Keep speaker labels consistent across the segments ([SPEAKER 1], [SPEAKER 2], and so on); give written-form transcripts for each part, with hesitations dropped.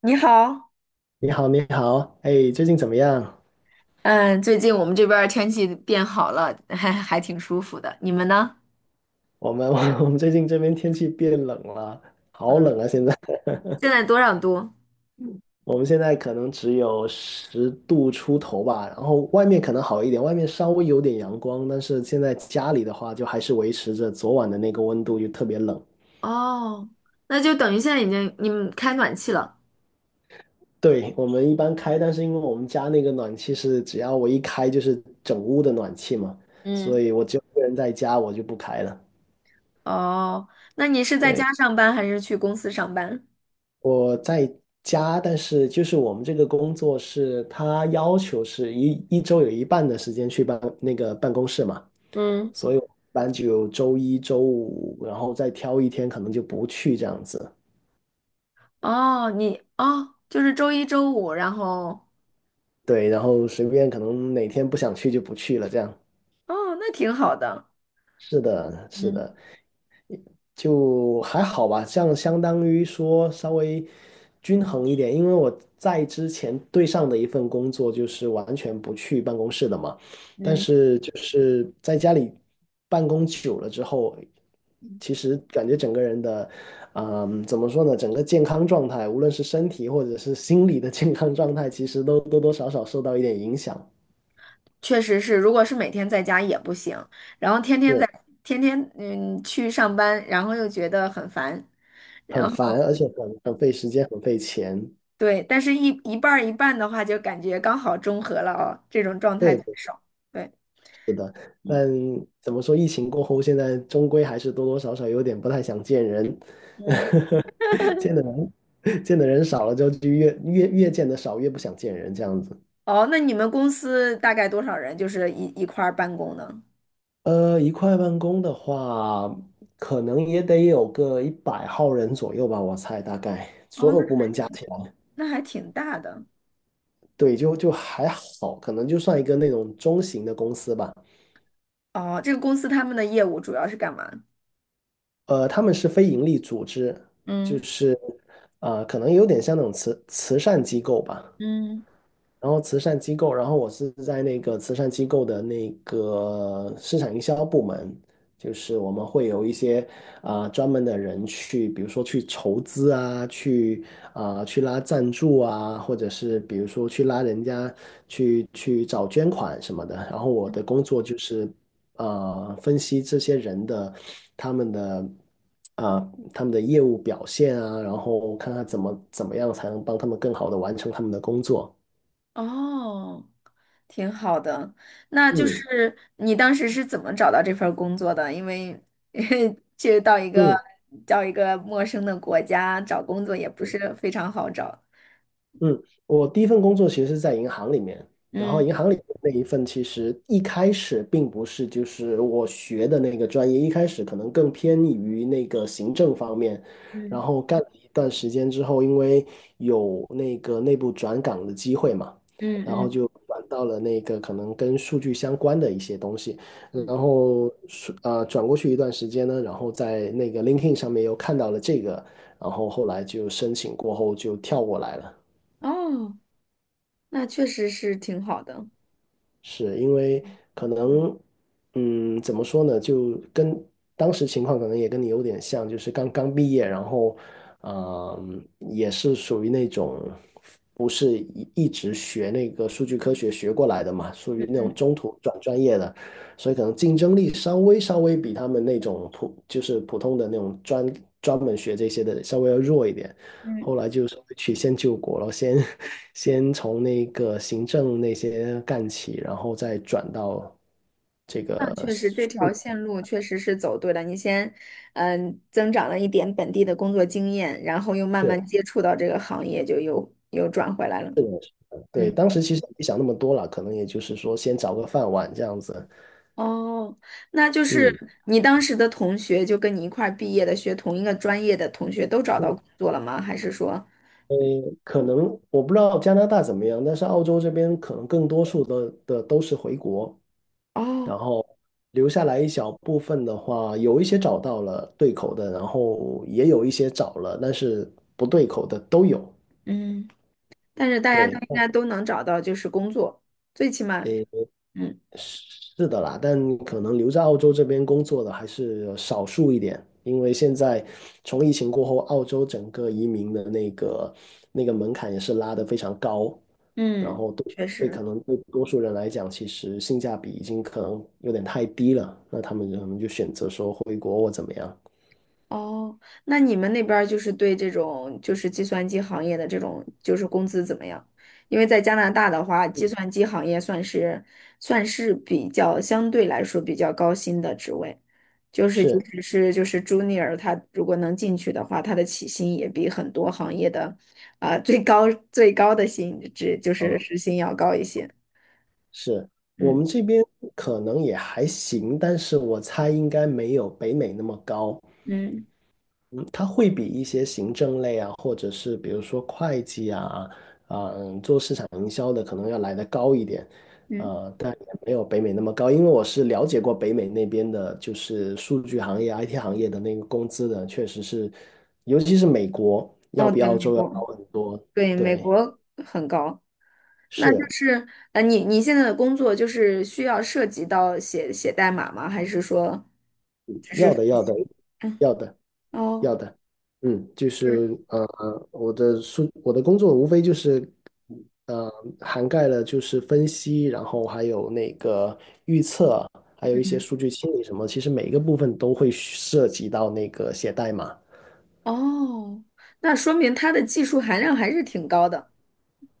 [SPEAKER 1] 你好。
[SPEAKER 2] 你好，你好，哎，最近怎么样？
[SPEAKER 1] 嗯，最近我们这边儿天气变好了，还挺舒服的。你们呢？
[SPEAKER 2] 我们 我们最近这边天气变冷了，好
[SPEAKER 1] 嗯，
[SPEAKER 2] 冷啊！现在
[SPEAKER 1] 现在多少度？
[SPEAKER 2] 我们现在可能只有10度出头吧，然后外面可能好一点，外面稍微有点阳光，但是现在家里的话就还是维持着昨晚的那个温度，就特别冷。
[SPEAKER 1] 哦，那就等于现在已经你们开暖气了。
[SPEAKER 2] 对，我们一般开，但是因为我们家那个暖气是只要我一开就是整屋的暖气嘛，所
[SPEAKER 1] 嗯，
[SPEAKER 2] 以我只有一个人在家，我就不开了。
[SPEAKER 1] 哦，那你是在
[SPEAKER 2] 对。
[SPEAKER 1] 家上班还是去公司上班？
[SPEAKER 2] 我在家，但是就是我们这个工作是，他要求是一周有一半的时间去办那个办公室嘛，
[SPEAKER 1] 嗯，
[SPEAKER 2] 所以我一般就有周一周五，然后再挑一天可能就不去这样子，
[SPEAKER 1] 哦，就是周一周五，然后。
[SPEAKER 2] 对，然后随便可能哪天不想去就不去了，这样。
[SPEAKER 1] 哦，那挺好的。
[SPEAKER 2] 是的，是
[SPEAKER 1] 嗯
[SPEAKER 2] 的，就还好吧，这样相当于说稍微均衡一点，因为我在之前对上的一份工作就是完全不去办公室的嘛，但
[SPEAKER 1] 嗯，
[SPEAKER 2] 是就是在家里办公久了之后，其实感觉整个人的，嗯，怎么说呢，整个健康状态，无论是身体或者是心理的健康状态，其实都多多少少受到一点影响。
[SPEAKER 1] 确实是，如果是每天在家也不行，然后天天在
[SPEAKER 2] 是，
[SPEAKER 1] 天天嗯去上班，然后又觉得很烦。
[SPEAKER 2] 很
[SPEAKER 1] 然后。
[SPEAKER 2] 烦，而且很费时间，很费钱。
[SPEAKER 1] 对，但是一半儿一半的话，就感觉刚好中和了哦，这种状态最
[SPEAKER 2] 对。
[SPEAKER 1] 爽。对，
[SPEAKER 2] 但
[SPEAKER 1] 嗯
[SPEAKER 2] 怎么说，疫情过后，现在终归还是多多少少有点不太想见人，
[SPEAKER 1] 嗯，
[SPEAKER 2] 见的人见的人少了就越见得少，越不想见人这样子。
[SPEAKER 1] 哦，那你们公司大概多少人，就是一块儿办公呢？
[SPEAKER 2] 一块办公的话，可能也得有个100号人左右吧，我猜大概所
[SPEAKER 1] 哦，那
[SPEAKER 2] 有部门加起来，
[SPEAKER 1] 那还挺大的。
[SPEAKER 2] 对，就还好，可能就算一个那种中型的公司吧。
[SPEAKER 1] 哦，这个公司他们的业务主要是干嘛？
[SPEAKER 2] 他们是非盈利组织，就
[SPEAKER 1] 嗯
[SPEAKER 2] 是可能有点像那种慈善机构吧。
[SPEAKER 1] 嗯，
[SPEAKER 2] 然后慈善机构，然后我是在那个慈善机构的那个市场营销部门，就是我们会有一些专门的人去，比如说去筹资啊，去拉赞助啊，或者是比如说去拉人家去找捐款什么的。然后我的工作就是分析这些人的他们的。啊，他们的业务表现啊，然后看看怎么样才能帮他们更好的完成他们的工作。
[SPEAKER 1] 哦，挺好的。那就
[SPEAKER 2] 嗯
[SPEAKER 1] 是你当时是怎么找到这份儿工作的？因为 去到一个
[SPEAKER 2] 嗯，
[SPEAKER 1] 到一个陌生的国家找工作也不是非常好找。
[SPEAKER 2] 嗯，我第一份工作其实是在银行里面，然后
[SPEAKER 1] 嗯。
[SPEAKER 2] 银行里面那一份其实一开始并不是就是我学的那个专业，一开始可能更偏于那个行政方面，然
[SPEAKER 1] 嗯
[SPEAKER 2] 后干了一段时间之后，因为有那个内部转岗的机会嘛，
[SPEAKER 1] 嗯
[SPEAKER 2] 然后
[SPEAKER 1] 嗯
[SPEAKER 2] 就转到了那个可能跟数据相关的一些东西，然
[SPEAKER 1] 嗯，
[SPEAKER 2] 后是转过去一段时间呢，然后在那个 LinkedIn 上面又看到了这个，然后后来就申请过后就跳过来了。
[SPEAKER 1] 哦，那确实是挺好的。
[SPEAKER 2] 是因为可能，嗯，怎么说呢，就跟当时情况可能也跟你有点像，就是刚刚毕业，然后，嗯，也是属于那种不是一直学那个数据科学学过来的嘛，属
[SPEAKER 1] 嗯
[SPEAKER 2] 于那种
[SPEAKER 1] 嗯
[SPEAKER 2] 中途转专业的，所以可能竞争力稍微比他们那种普就是普通的那种专门学这些的稍微要弱一点，
[SPEAKER 1] 嗯，
[SPEAKER 2] 后来就稍微曲线救国了，先 先从那个行政那些干起，然后再转到这
[SPEAKER 1] 那
[SPEAKER 2] 个。
[SPEAKER 1] 确实这条线路确实是走对了。你先，增长了一点本地的工作经验，然后又慢
[SPEAKER 2] 是，
[SPEAKER 1] 慢接触到这个行业，就又转回来了。
[SPEAKER 2] 是的，是的，对，
[SPEAKER 1] 嗯，
[SPEAKER 2] 当时其实也没想那么多了，可能也就是说先找个饭碗这样子，
[SPEAKER 1] 哦，那就是
[SPEAKER 2] 嗯，
[SPEAKER 1] 你当时的同学，就跟你一块儿毕业的，学同一个专业的同学，都找到工作了吗？还是说，
[SPEAKER 2] 呃，可能我不知道加拿大怎么样，但是澳洲这边可能更多数的都是回国，
[SPEAKER 1] 哦，
[SPEAKER 2] 然后留下来一小部分的话，有一些找到了对口的，然后也有一些找了，但是不对口的都有，
[SPEAKER 1] 嗯，但是大家都
[SPEAKER 2] 对。
[SPEAKER 1] 应该都能找到就是工作，最起码。嗯。
[SPEAKER 2] 是的啦，但可能留在澳洲这边工作的还是少数一点，因为现在从疫情过后，澳洲整个移民的那个门槛也是拉得非常高，然
[SPEAKER 1] 嗯，
[SPEAKER 2] 后对，
[SPEAKER 1] 确
[SPEAKER 2] 对，
[SPEAKER 1] 实。
[SPEAKER 2] 可能对多数人来讲，其实性价比已经可能有点太低了，那他们可能就选择说回国或怎么样。
[SPEAKER 1] 哦，那你们那边儿就是对这种就是计算机行业的这种就是工资怎么样？因为在加拿大的话，计算机行业算是比较相对来说比较高薪的职位，就是即
[SPEAKER 2] 是
[SPEAKER 1] 使是就是 junior，他如果能进去的话，他的起薪也比很多行业的啊、最高最高的薪职就是
[SPEAKER 2] 啊，
[SPEAKER 1] 时薪要高一些。
[SPEAKER 2] 是，我
[SPEAKER 1] 嗯
[SPEAKER 2] 们这边可能也还行，但是我猜应该没有北美那么高。
[SPEAKER 1] 嗯
[SPEAKER 2] 它会比一些行政类啊，或者是比如说会计啊，做市场营销的可能要来得高一点，
[SPEAKER 1] 嗯，
[SPEAKER 2] 但也没有北美那么高，因为我是了解过北美那边的，就是数据行业、IT 行业的那个工资的，确实是，尤其是美国要
[SPEAKER 1] 哦，
[SPEAKER 2] 比
[SPEAKER 1] 对，
[SPEAKER 2] 澳
[SPEAKER 1] 美
[SPEAKER 2] 洲要高
[SPEAKER 1] 国。
[SPEAKER 2] 很多，
[SPEAKER 1] 对，美
[SPEAKER 2] 对，
[SPEAKER 1] 国很高。那就
[SPEAKER 2] 是
[SPEAKER 1] 是你现在的工作就是需要涉及到写代码吗？还是说，
[SPEAKER 2] 要的，要的，
[SPEAKER 1] 嗯，
[SPEAKER 2] 要的。
[SPEAKER 1] 哦，
[SPEAKER 2] 要的，嗯，就
[SPEAKER 1] 是，
[SPEAKER 2] 是我的工作无非就是呃，涵盖了就是分析，然后还有那个预测，还有一些
[SPEAKER 1] 嗯，
[SPEAKER 2] 数据清理什么，其实每一个部分都会涉及到那个写代码，
[SPEAKER 1] 哦，那说明它的技术含量还是挺高的。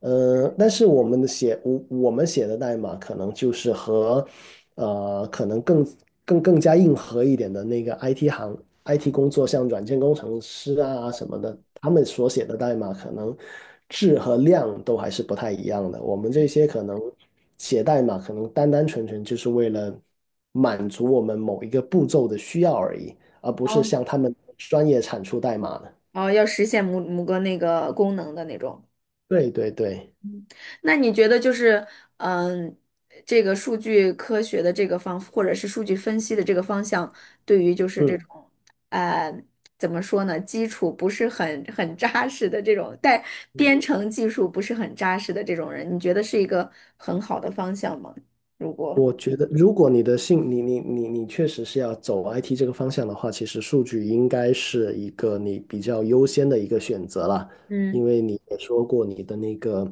[SPEAKER 2] 但是我们写的代码可能就是和，可能更加硬核一点的那个 IT 工作，像软件工程师啊什么的，他们所写的代码可能质和量都还是不太一样的。我们这些可能写代码，可能单单纯纯就是为了满足我们某一个步骤的需要而已，而不是
[SPEAKER 1] 哦，
[SPEAKER 2] 像他们专业产出代码的。
[SPEAKER 1] 哦，要实现某个那个功能的那种。
[SPEAKER 2] 对对对，
[SPEAKER 1] 那你觉得就是，嗯，这个数据科学的这个或者是数据分析的这个方向，对于就是这
[SPEAKER 2] 嗯。
[SPEAKER 1] 种，呃，怎么说呢，基础不是很扎实的这种，但编
[SPEAKER 2] 嗯，
[SPEAKER 1] 程技术不是很扎实的这种人，你觉得是一个很好的方向吗？如果，
[SPEAKER 2] 我觉得，如果你的性，你你你你确实是要走 IT 这个方向的话，其实数据应该是一个你比较优先的一个选择啦，因
[SPEAKER 1] 嗯
[SPEAKER 2] 为你也说过你的那个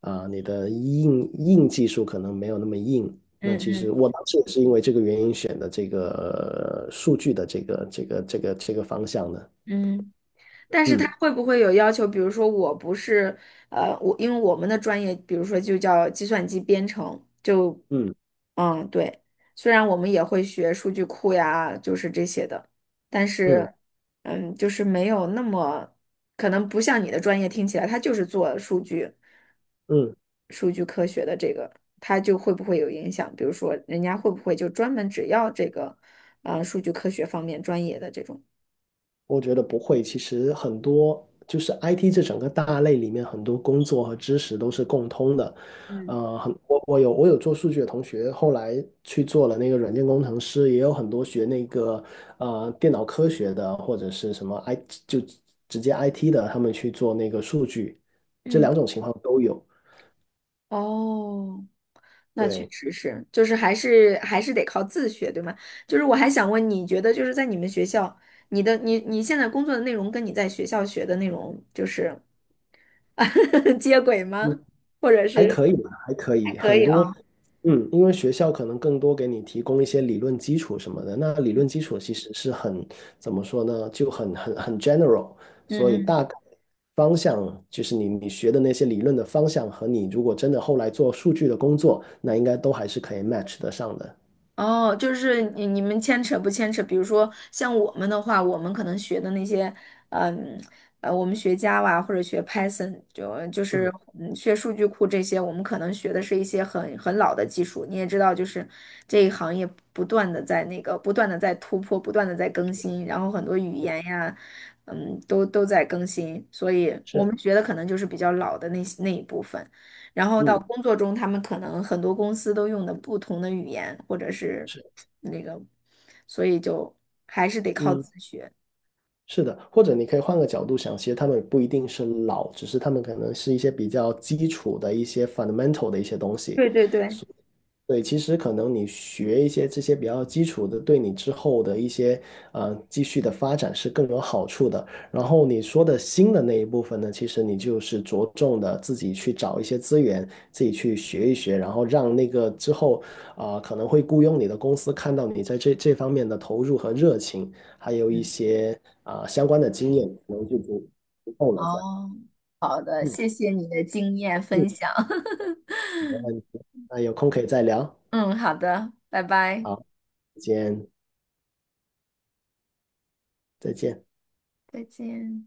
[SPEAKER 2] 啊、你的硬技术可能没有那么硬。那
[SPEAKER 1] 嗯
[SPEAKER 2] 其实
[SPEAKER 1] 嗯
[SPEAKER 2] 我当时也是因为这个原因选的这个数据的这个方向的。
[SPEAKER 1] 嗯。但是他
[SPEAKER 2] 嗯
[SPEAKER 1] 会不会有要求？比如说，我不是，我因为我们的专业，比如说就叫计算机编程，就，
[SPEAKER 2] 嗯
[SPEAKER 1] 对，虽然我们也会学数据库呀，就是这些的，但
[SPEAKER 2] 嗯
[SPEAKER 1] 是，就是没有那么，可能不像你的专业听起来，他就是做数据、
[SPEAKER 2] 嗯，
[SPEAKER 1] 数据科学的这个，他就会不会有影响？比如说，人家会不会就专门只要这个，数据科学方面专业的这种？
[SPEAKER 2] 我觉得不会，其实很多就是 IT 这整个大类里面很多工作和知识都是共通的。
[SPEAKER 1] 嗯，
[SPEAKER 2] 呃，很我我有我有做数据的同学，后来去做了那个软件工程师，也有很多学那个电脑科学的或者是什么 就直接 IT 的，他们去做那个数据，这
[SPEAKER 1] 嗯。
[SPEAKER 2] 两种情况都有。
[SPEAKER 1] 哦，那确
[SPEAKER 2] 对，
[SPEAKER 1] 实是，就是还是得靠自学，对吗？就是我还想问，你觉得就是在你们学校，你的你你现在工作的内容跟你在学校学的内容就是 接轨吗？或者
[SPEAKER 2] 还
[SPEAKER 1] 是
[SPEAKER 2] 可以吧，还可
[SPEAKER 1] 还
[SPEAKER 2] 以，
[SPEAKER 1] 可
[SPEAKER 2] 很
[SPEAKER 1] 以
[SPEAKER 2] 多，
[SPEAKER 1] 啊？
[SPEAKER 2] 嗯，因为学校可能更多给你提供一些理论基础什么的，那理论基础其实是很，怎么说呢，就很 general，所以
[SPEAKER 1] 嗯，
[SPEAKER 2] 大概方向就是你学的那些理论的方向和你如果真的后来做数据的工作，那应该都还是可以 match 得上的。
[SPEAKER 1] 哦，就是你们牵扯不牵扯？比如说像我们的话，我们可能学的那些，嗯我们学 Java 或者学 Python，就就是
[SPEAKER 2] 嗯，
[SPEAKER 1] 嗯学数据库这些，我们可能学的是一些很老的技术。你也知道，就是这一行业不断的在那个不断的在突破，不断的在更新，然后很多语言呀，都在更新，所以我
[SPEAKER 2] 是，
[SPEAKER 1] 们学的可能就是比较老的那一部分。然后到
[SPEAKER 2] 嗯，
[SPEAKER 1] 工作中，他们可能很多公司都用的不同的语言，或者是
[SPEAKER 2] 是，
[SPEAKER 1] 那个，所以就还是得靠
[SPEAKER 2] 嗯。
[SPEAKER 1] 自学。
[SPEAKER 2] 是的，或者你可以换个角度想，其实他们不一定是老，只是他们可能是一些比较基础的一些 fundamental 的一些东西。
[SPEAKER 1] 对对对，
[SPEAKER 2] 对，其实可能你学一些这些比较基础的，对你之后的一些继续的发展是更有好处的。然后你说的新的那一部分呢，其实你就是着重的自己去找一些资源，自己去学一学，然后让那个之后可能会雇佣你的公司看到你在这方面的投入和热情，还有一
[SPEAKER 1] 嗯，
[SPEAKER 2] 些相关的经验，可能就足够了。这样，
[SPEAKER 1] 哦，好的，
[SPEAKER 2] 嗯
[SPEAKER 1] 谢谢你的经验
[SPEAKER 2] 嗯，
[SPEAKER 1] 分享。
[SPEAKER 2] 没问题。那有空可以再聊。
[SPEAKER 1] 嗯，好的，拜拜，
[SPEAKER 2] 好，再见，再见。
[SPEAKER 1] 再见。